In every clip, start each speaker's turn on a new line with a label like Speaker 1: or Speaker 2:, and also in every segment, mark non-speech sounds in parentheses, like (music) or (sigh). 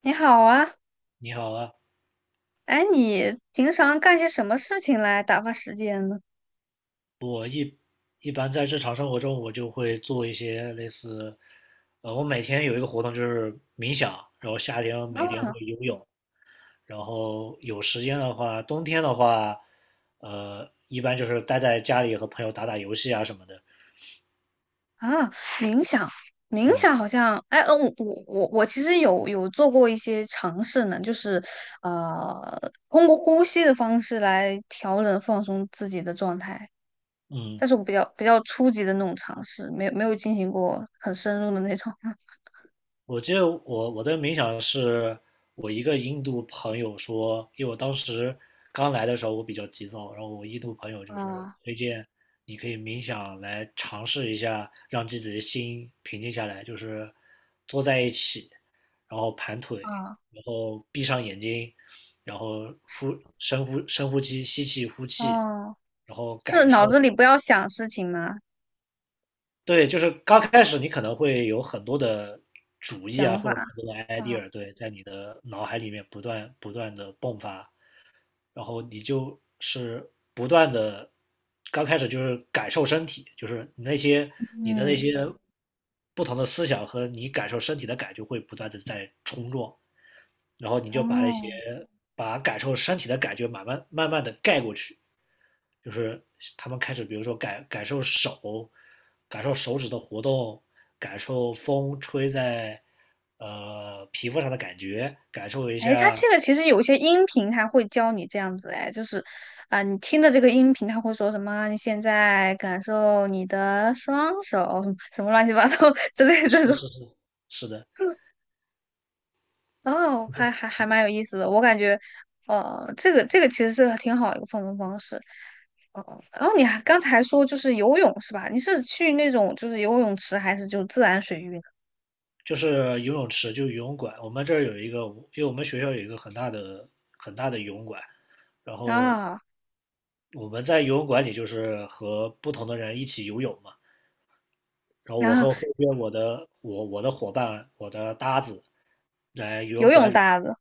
Speaker 1: 你好啊。
Speaker 2: 你好啊，
Speaker 1: 哎，你平常干些什么事情来打发时间呢？
Speaker 2: 一般在日常生活中，我就会做一些类似，我每天有一个活动就是冥想，然后夏天每天会
Speaker 1: 啊。
Speaker 2: 游泳，然后有时间的话，冬天的话，一般就是待在家里和朋友打打游戏啊什么的。
Speaker 1: 啊，冥想。冥
Speaker 2: 嗯
Speaker 1: 想好像，哎，我其实有做过一些尝试呢，就是呃，通过呼吸的方式来调整放松自己的状态，
Speaker 2: 嗯，
Speaker 1: 但是我比较初级的那种尝试，没有进行过很深入的那种。(laughs)
Speaker 2: 我记得我的冥想是我一个印度朋友说，因为我当时刚来的时候我比较急躁，然后我印度朋友就是
Speaker 1: 啊。
Speaker 2: 推荐你可以冥想来尝试一下，让自己的心平静下来，就是坐在一起，然后盘腿，
Speaker 1: 啊。
Speaker 2: 然后闭上眼睛，然后呼深呼深呼吸，吸气呼气，
Speaker 1: 啊，
Speaker 2: 然后
Speaker 1: 是
Speaker 2: 感
Speaker 1: 脑
Speaker 2: 受。
Speaker 1: 子里不要想事情吗？
Speaker 2: 对，就是刚开始你可能会有很多的主意啊，
Speaker 1: 想
Speaker 2: 或
Speaker 1: 法。
Speaker 2: 者很多的
Speaker 1: 啊。
Speaker 2: idea，对，在你的脑海里面不断不断的迸发，然后你就是不断的，刚开始就是感受身体，就是你那些你的那
Speaker 1: 嗯。
Speaker 2: 些不同的思想和你感受身体的感觉会不断的在冲撞，然后你就把那些
Speaker 1: 哦。
Speaker 2: 把感受身体的感觉慢慢慢慢的盖过去，就是他们开始，比如说感受手，感受手指的活动，感受风吹在皮肤上的感觉，感受一
Speaker 1: 哎，它
Speaker 2: 下。
Speaker 1: 这个其实有些音频它会教你这样子，哎，就是，啊、你听的这个音频它会说什么？你现在感受你的双手，什么乱七八糟 (laughs) 之类的这种。
Speaker 2: 是的，
Speaker 1: 哦，还蛮有意思的。我感觉，这个这个其实是挺好一个放松方式。哦，然后你还刚才还说就是游泳是吧？你是去那种就是游泳池还是就自然水域呢？
Speaker 2: 就是游泳池，就游泳馆。我们这儿有一个，因为我们学校有一个很大的很大的游泳馆，然后
Speaker 1: 啊。
Speaker 2: 我们在游泳馆里就是和不同的人一起游泳嘛。然后
Speaker 1: 然
Speaker 2: 我
Speaker 1: 后
Speaker 2: 和后边我的伙伴我的搭子来游
Speaker 1: 游
Speaker 2: 泳
Speaker 1: 泳
Speaker 2: 馆里。
Speaker 1: 搭子。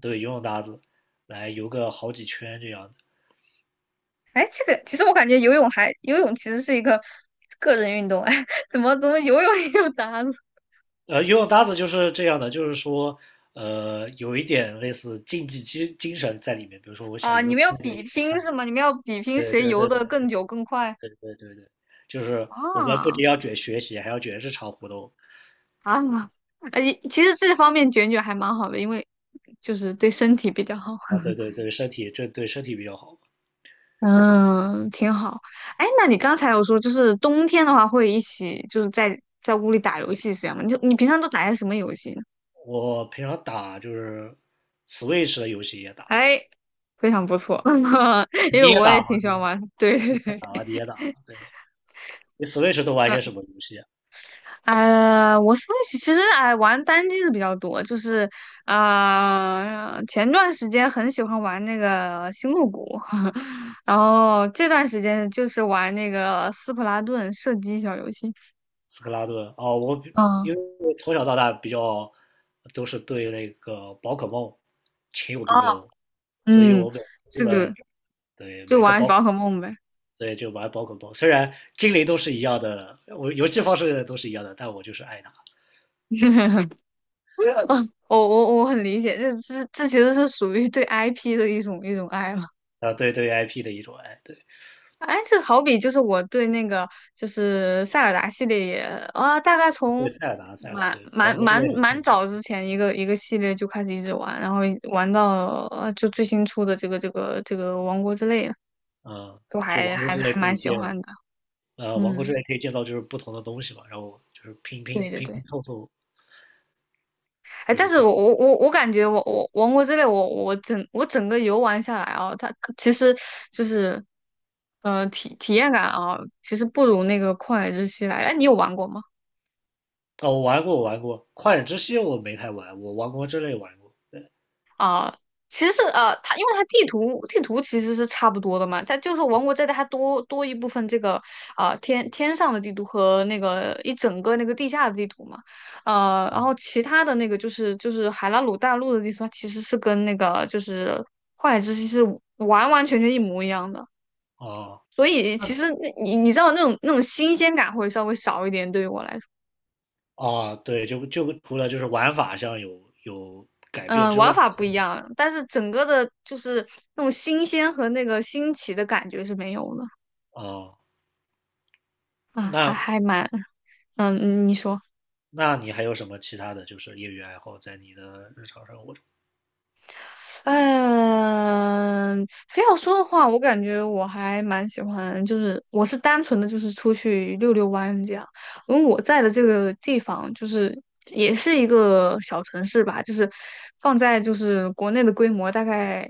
Speaker 2: 对，游泳搭子，来游个好几圈这样的。
Speaker 1: 哎，这个其实我感觉游泳其实是一个个人运动，哎，(laughs) 怎么游泳也有搭子？
Speaker 2: 游泳搭子就是这样的，就是说，有一点类似竞技精神在里面。比如说，我想
Speaker 1: 啊？
Speaker 2: 游
Speaker 1: 你
Speaker 2: 的
Speaker 1: 们要
Speaker 2: 快点。
Speaker 1: 比拼是吗？你们要比拼
Speaker 2: 对
Speaker 1: 谁
Speaker 2: 对
Speaker 1: 游
Speaker 2: 对对
Speaker 1: 的更久更快？
Speaker 2: 对对对，就是我们不
Speaker 1: 啊。
Speaker 2: 仅要卷学习，还要卷日常活动。
Speaker 1: 啊！而且其实这方面卷还蛮好的，因为就是对身体比较好。
Speaker 2: 啊，对对
Speaker 1: (laughs)
Speaker 2: 对，身体这对身体比较好。
Speaker 1: 嗯，挺好。哎，那你刚才有说，就是冬天的话会一起就是在屋里打游戏是这样吗？你平常都打些什么游戏呢？
Speaker 2: 我平常打就是 Switch 的游戏也打，
Speaker 1: 哎，非常不错。(laughs) 因为
Speaker 2: 你也
Speaker 1: 我也
Speaker 2: 打
Speaker 1: 挺
Speaker 2: 吗？
Speaker 1: 喜
Speaker 2: 你
Speaker 1: 欢玩。对对
Speaker 2: 也
Speaker 1: 对。
Speaker 2: 打吗？你也打吗？你 Switch 都玩
Speaker 1: 嗯，
Speaker 2: 些什么游戏啊？
Speaker 1: 我其实哎玩单机的比较多，就是啊、前段时间很喜欢玩那个星露谷，(laughs) 然后这段时间就是玩那个斯普拉顿射击小游戏。
Speaker 2: 斯科拉顿哦，我
Speaker 1: 嗯。哦。
Speaker 2: 因为从小到大比较都是对那个宝可梦情有独钟，所以
Speaker 1: 嗯，
Speaker 2: 我每基
Speaker 1: 这
Speaker 2: 本
Speaker 1: 个
Speaker 2: 对
Speaker 1: 就
Speaker 2: 每个
Speaker 1: 玩
Speaker 2: 宝
Speaker 1: 宝可梦呗。
Speaker 2: 对，就玩宝可梦，虽然精灵都是一样的，我游戏方式都是一样的，但我就是爱它
Speaker 1: (laughs) 我很理解，这其实是属于对 IP 的一种爱好。
Speaker 2: 啊，对，对于 IP 的一种爱，对。
Speaker 1: 哎，这好比就是我对那个就是塞尔达系列也，啊，大概从
Speaker 2: 对塞尔达，
Speaker 1: 蛮
Speaker 2: 对
Speaker 1: 蛮
Speaker 2: 王国之
Speaker 1: 蛮
Speaker 2: 泪很
Speaker 1: 蛮
Speaker 2: 很之
Speaker 1: 早之前一个系列就开始一直玩，然后玩到就最新出的这个王国之泪，
Speaker 2: 嗯，啊，
Speaker 1: 都
Speaker 2: 就
Speaker 1: 还
Speaker 2: 王国
Speaker 1: 还
Speaker 2: 之泪
Speaker 1: 还
Speaker 2: 可
Speaker 1: 蛮
Speaker 2: 以
Speaker 1: 喜
Speaker 2: 建
Speaker 1: 欢的。
Speaker 2: 呃王国之
Speaker 1: 嗯，
Speaker 2: 泪可以建造就是不同的东西嘛，然后就是拼拼
Speaker 1: 对对
Speaker 2: 拼拼
Speaker 1: 对。
Speaker 2: 凑凑。
Speaker 1: 哎，但
Speaker 2: 有
Speaker 1: 是
Speaker 2: 自
Speaker 1: 我感觉我王国之泪，我整个游玩下来啊，它其实就是体验感啊，其实不如那个旷野之息来。哎，你有玩过吗？
Speaker 2: 哦，我玩过《旷野之息》，我没太玩，我王国之泪玩过。对，
Speaker 1: 啊、其实它因为它地图其实是差不多的嘛，它就是王国这代它多一部分这个啊、天上的地图和那个一整个那个地下的地图嘛，然
Speaker 2: 嗯，
Speaker 1: 后其他的那个就是海拉鲁大陆的地图，它其实是跟那个就是幻野之息是完完全全一模一样的，
Speaker 2: 哦
Speaker 1: 所以其实那你你知道那种那种新鲜感会稍微少一点，对于我来说。
Speaker 2: 哦，对，就除了就是玩法上有改变
Speaker 1: 嗯，
Speaker 2: 之
Speaker 1: 玩
Speaker 2: 外。
Speaker 1: 法不一样，但是整个的就是那种新鲜和那个新奇的感觉是没有的。
Speaker 2: 哦，
Speaker 1: 啊，还
Speaker 2: 那
Speaker 1: 还蛮。嗯。嗯你说。
Speaker 2: 那你还有什么其他的就是业余爱好在你的日常生活中？
Speaker 1: 嗯，非要说的话，我感觉我还蛮喜欢，就是我是单纯的就是出去溜溜弯这样，因为我在的这个地方就是也是一个小城市吧，就是放在就是国内的规模大概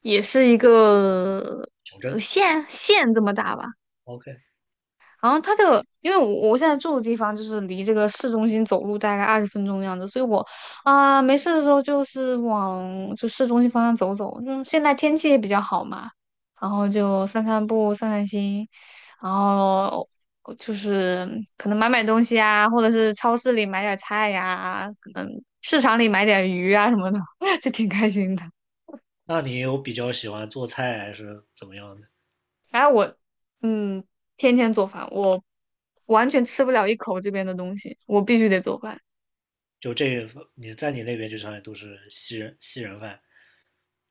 Speaker 1: 也是一个
Speaker 2: 求真
Speaker 1: 县这么大吧。
Speaker 2: ？OK，
Speaker 1: 然后它这个，因为我我现在住的地方就是离这个市中心走路大概二十分钟的样子，所以我啊、没事的时候就是往就市中心方向走走。就现在天气也比较好嘛，然后就散散步、散散心，然后就是可能买买东西啊，或者是超市里买点菜呀，可能市场里买点鱼啊什么的，(laughs) 就挺开心的。
Speaker 2: 那你有比较喜欢做菜还是怎么样的？
Speaker 1: 反正我，嗯，天天做饭，我完全吃不了一口这边的东西，我必须得做饭。
Speaker 2: 就这你在你那边就相当于都是西人饭。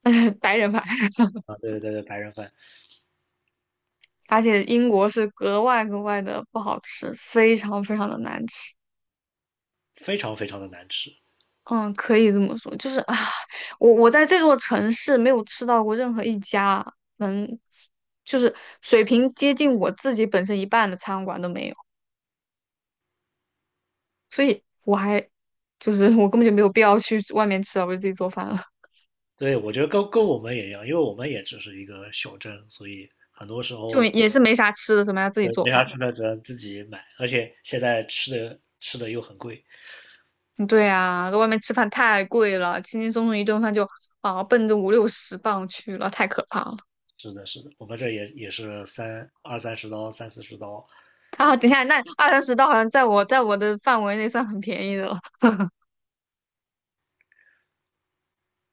Speaker 1: (laughs) 白人饭，
Speaker 2: 啊，对对对，白人饭
Speaker 1: 而且英国是格外格外的不好吃，非常非常的难吃。
Speaker 2: 非常非常的难吃。
Speaker 1: 嗯，可以这么说，就是啊，我我在这座城市没有吃到过任何一家能，就是水平接近我自己本身一半的餐馆都没有，所以我还就是我根本就没有必要去外面吃了，我就自己做饭了。
Speaker 2: 对，我觉得跟我们也一样，因为我们也只是一个小镇，所以很多时
Speaker 1: (laughs) 就
Speaker 2: 候
Speaker 1: 也是没啥吃的，什么要自己做
Speaker 2: 没
Speaker 1: 饭。
Speaker 2: 啥吃的，只能自己买，而且现在吃的又很贵。
Speaker 1: 嗯对啊，在外面吃饭太贵了，轻轻松松一顿饭就啊奔着五六十磅去了，太可怕了。
Speaker 2: 是的，是的，我们这也是二三十刀，三四十刀。
Speaker 1: 啊，等一下，那二三十刀好像在我在我的范围内算很便宜的了。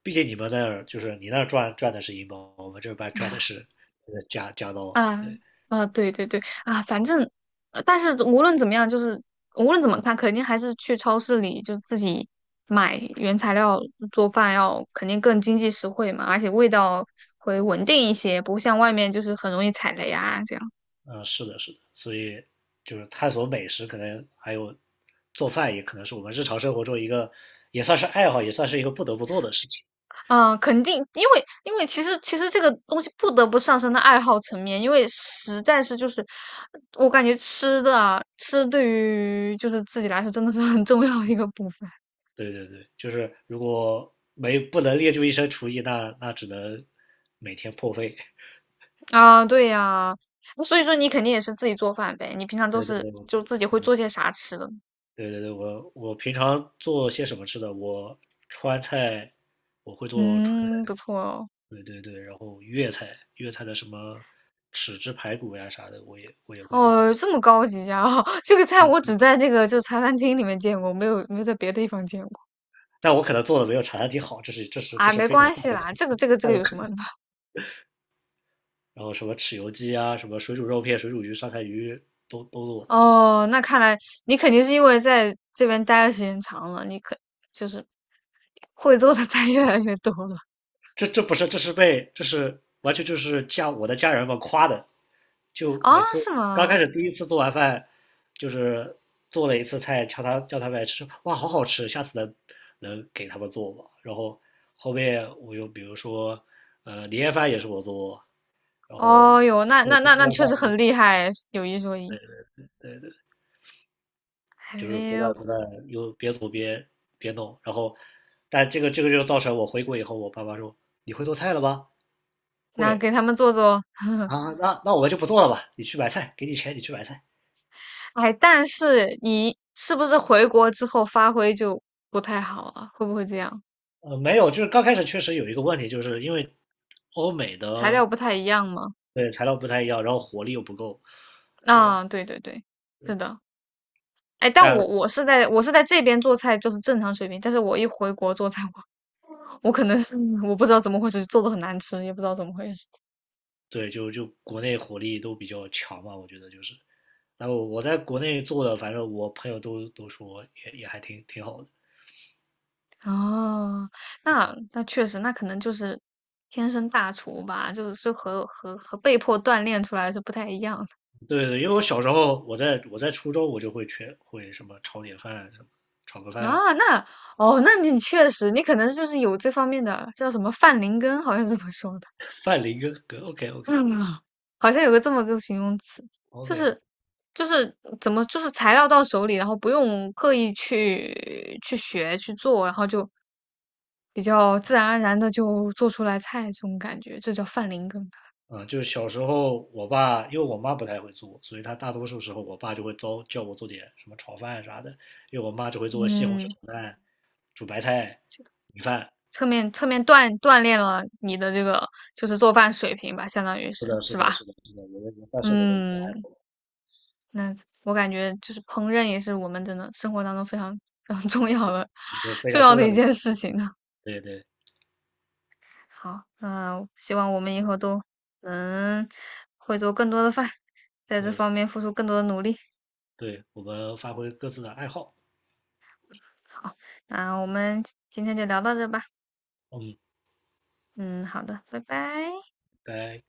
Speaker 2: 毕竟你们那儿就是你那儿赚的是英包，我们这边赚的是加刀。
Speaker 1: 啊。
Speaker 2: 对，
Speaker 1: 啊，对对对啊，反正，但是无论怎么样，就是无论怎么看，肯定还是去超市里就自己买原材料做饭要肯定更经济实惠嘛，而且味道会稳定一些，不像外面就是很容易踩雷啊这样。
Speaker 2: 嗯，是的，是的。所以就是探索美食，可能还有做饭，也可能是我们日常生活中一个也算是爱好，也算是一个不得不做的事情。
Speaker 1: 嗯，肯定，因为其实这个东西不得不上升到爱好层面，因为实在是就是我感觉吃的啊，吃对于就是自己来说真的是很重要的一个部分。
Speaker 2: 对对对，就是如果没不能练就一身厨艺，那只能每天破费。(laughs)
Speaker 1: 啊，对呀，所以说你肯定也是自己做饭呗，你平常都
Speaker 2: 对对
Speaker 1: 是就
Speaker 2: 对
Speaker 1: 自己会做些啥吃的呢？
Speaker 2: 对对对，我平常做些什么吃的？川菜我会做川
Speaker 1: 嗯，不
Speaker 2: 菜，
Speaker 1: 错哦。
Speaker 2: 对对对，然后粤菜的什么豉汁排骨呀啥的，我也会做。
Speaker 1: 哦，这么高级呀，(laughs) 这个菜我
Speaker 2: 嗯
Speaker 1: 只在那个就茶餐厅里面见过，没有在别的地方见过。
Speaker 2: 但我可能做的没有茶餐厅好，这是这是这
Speaker 1: 啊，
Speaker 2: 是
Speaker 1: 没
Speaker 2: 非常
Speaker 1: 关系啦，这个这个这
Speaker 2: 大
Speaker 1: 个
Speaker 2: 有
Speaker 1: 有什
Speaker 2: 可
Speaker 1: 么？
Speaker 2: 能。然后什么豉油鸡啊，什么水煮肉片、水煮鱼、酸菜鱼都做。
Speaker 1: 哦，那看来你肯定是因为在这边待的时间长了，你可就是会做的菜 (laughs) 越来越多了。
Speaker 2: 这不是，这是完全就是我的家人们夸的，就
Speaker 1: 啊？
Speaker 2: 每次
Speaker 1: 是
Speaker 2: 刚
Speaker 1: 吗？
Speaker 2: 开始第一次做完饭，就是做了一次菜，叫他们来吃，哇，好好吃，下次能给他们做吗？然后后面我又比如说，年夜饭也是我做，然后
Speaker 1: 哦哟，那
Speaker 2: 那
Speaker 1: 那那
Speaker 2: 今天
Speaker 1: 那
Speaker 2: 的
Speaker 1: 确
Speaker 2: 饭
Speaker 1: 实很厉害，有一说一。还
Speaker 2: 就是
Speaker 1: 没
Speaker 2: 不断
Speaker 1: 有。
Speaker 2: 不断又边做边弄，然后但这个就造成我回国以后，我爸妈说你会做菜了吗？
Speaker 1: 那
Speaker 2: 会，
Speaker 1: 给他们做做。
Speaker 2: 啊，那我就不做了吧，你去买菜，给你钱，你去买菜。
Speaker 1: 哎，但是你是不是回国之后发挥就不太好了？会不会这样？
Speaker 2: 没有，就是刚开始确实有一个问题，就是因为欧美
Speaker 1: 材料
Speaker 2: 的
Speaker 1: 不太一样吗？
Speaker 2: 对材料不太一样，然后火力又不够，对，
Speaker 1: 啊，对对对，是的。哎，但我
Speaker 2: 但
Speaker 1: 我是在我是在这边做菜就是正常水平，但是我一回国做菜 (laughs)，我可能是，我不知道怎么回事，做的很难吃，也不知道怎么回事。
Speaker 2: 对，就国内火力都比较强嘛，我觉得就是。然后我在国内做的，反正我朋友都说也还挺好的。
Speaker 1: 哦，那那确实，那可能就是天生大厨吧，就是和被迫锻炼出来是不太一样
Speaker 2: 对对，因为我小时候我在初中我就会会什么炒点饭什么炒个
Speaker 1: 的
Speaker 2: 饭
Speaker 1: 啊。那哦，那你确实，你可能就是有这方面的，叫什么范林根，好像是这么说的。
Speaker 2: 饭林哥哥，OK OK
Speaker 1: 嗯，好像有个这么个形容词，就
Speaker 2: OK，
Speaker 1: 是就是怎么就是材料到手里，然后不用刻意去学去做，然后就比较自然而然的就做出来菜这种感觉，这叫饭龄根。
Speaker 2: 嗯，就是小时候我爸，因为我妈不太会做，所以她大多数时候我爸就会教叫我做点什么炒饭啥的，因为我妈只会做西红柿
Speaker 1: 嗯，
Speaker 2: 炒蛋、煮白菜、米饭。
Speaker 1: 侧面锻炼了你的这个就是做饭水平吧，相当于
Speaker 2: 是
Speaker 1: 是
Speaker 2: 的，是
Speaker 1: 是
Speaker 2: 的，
Speaker 1: 吧？
Speaker 2: 是
Speaker 1: (laughs)
Speaker 2: 的，是的，我觉得算是我的一个爱
Speaker 1: 嗯，
Speaker 2: 好，
Speaker 1: 那我感觉就是烹饪也是我们真的生活当中非常非常重要的
Speaker 2: 一个
Speaker 1: (laughs)
Speaker 2: 非
Speaker 1: 重
Speaker 2: 常
Speaker 1: 要
Speaker 2: 重
Speaker 1: 的
Speaker 2: 要
Speaker 1: 一
Speaker 2: 的。
Speaker 1: 件事情呢。
Speaker 2: 对对
Speaker 1: 好，那希望我们以后都能会做更多的饭，在这
Speaker 2: 对
Speaker 1: 方面付出更多的努力。
Speaker 2: 对，我们发挥各自的爱好，
Speaker 1: 好，那我们今天就聊到这吧。
Speaker 2: 嗯，
Speaker 1: 嗯，好的，拜拜。
Speaker 2: 拜。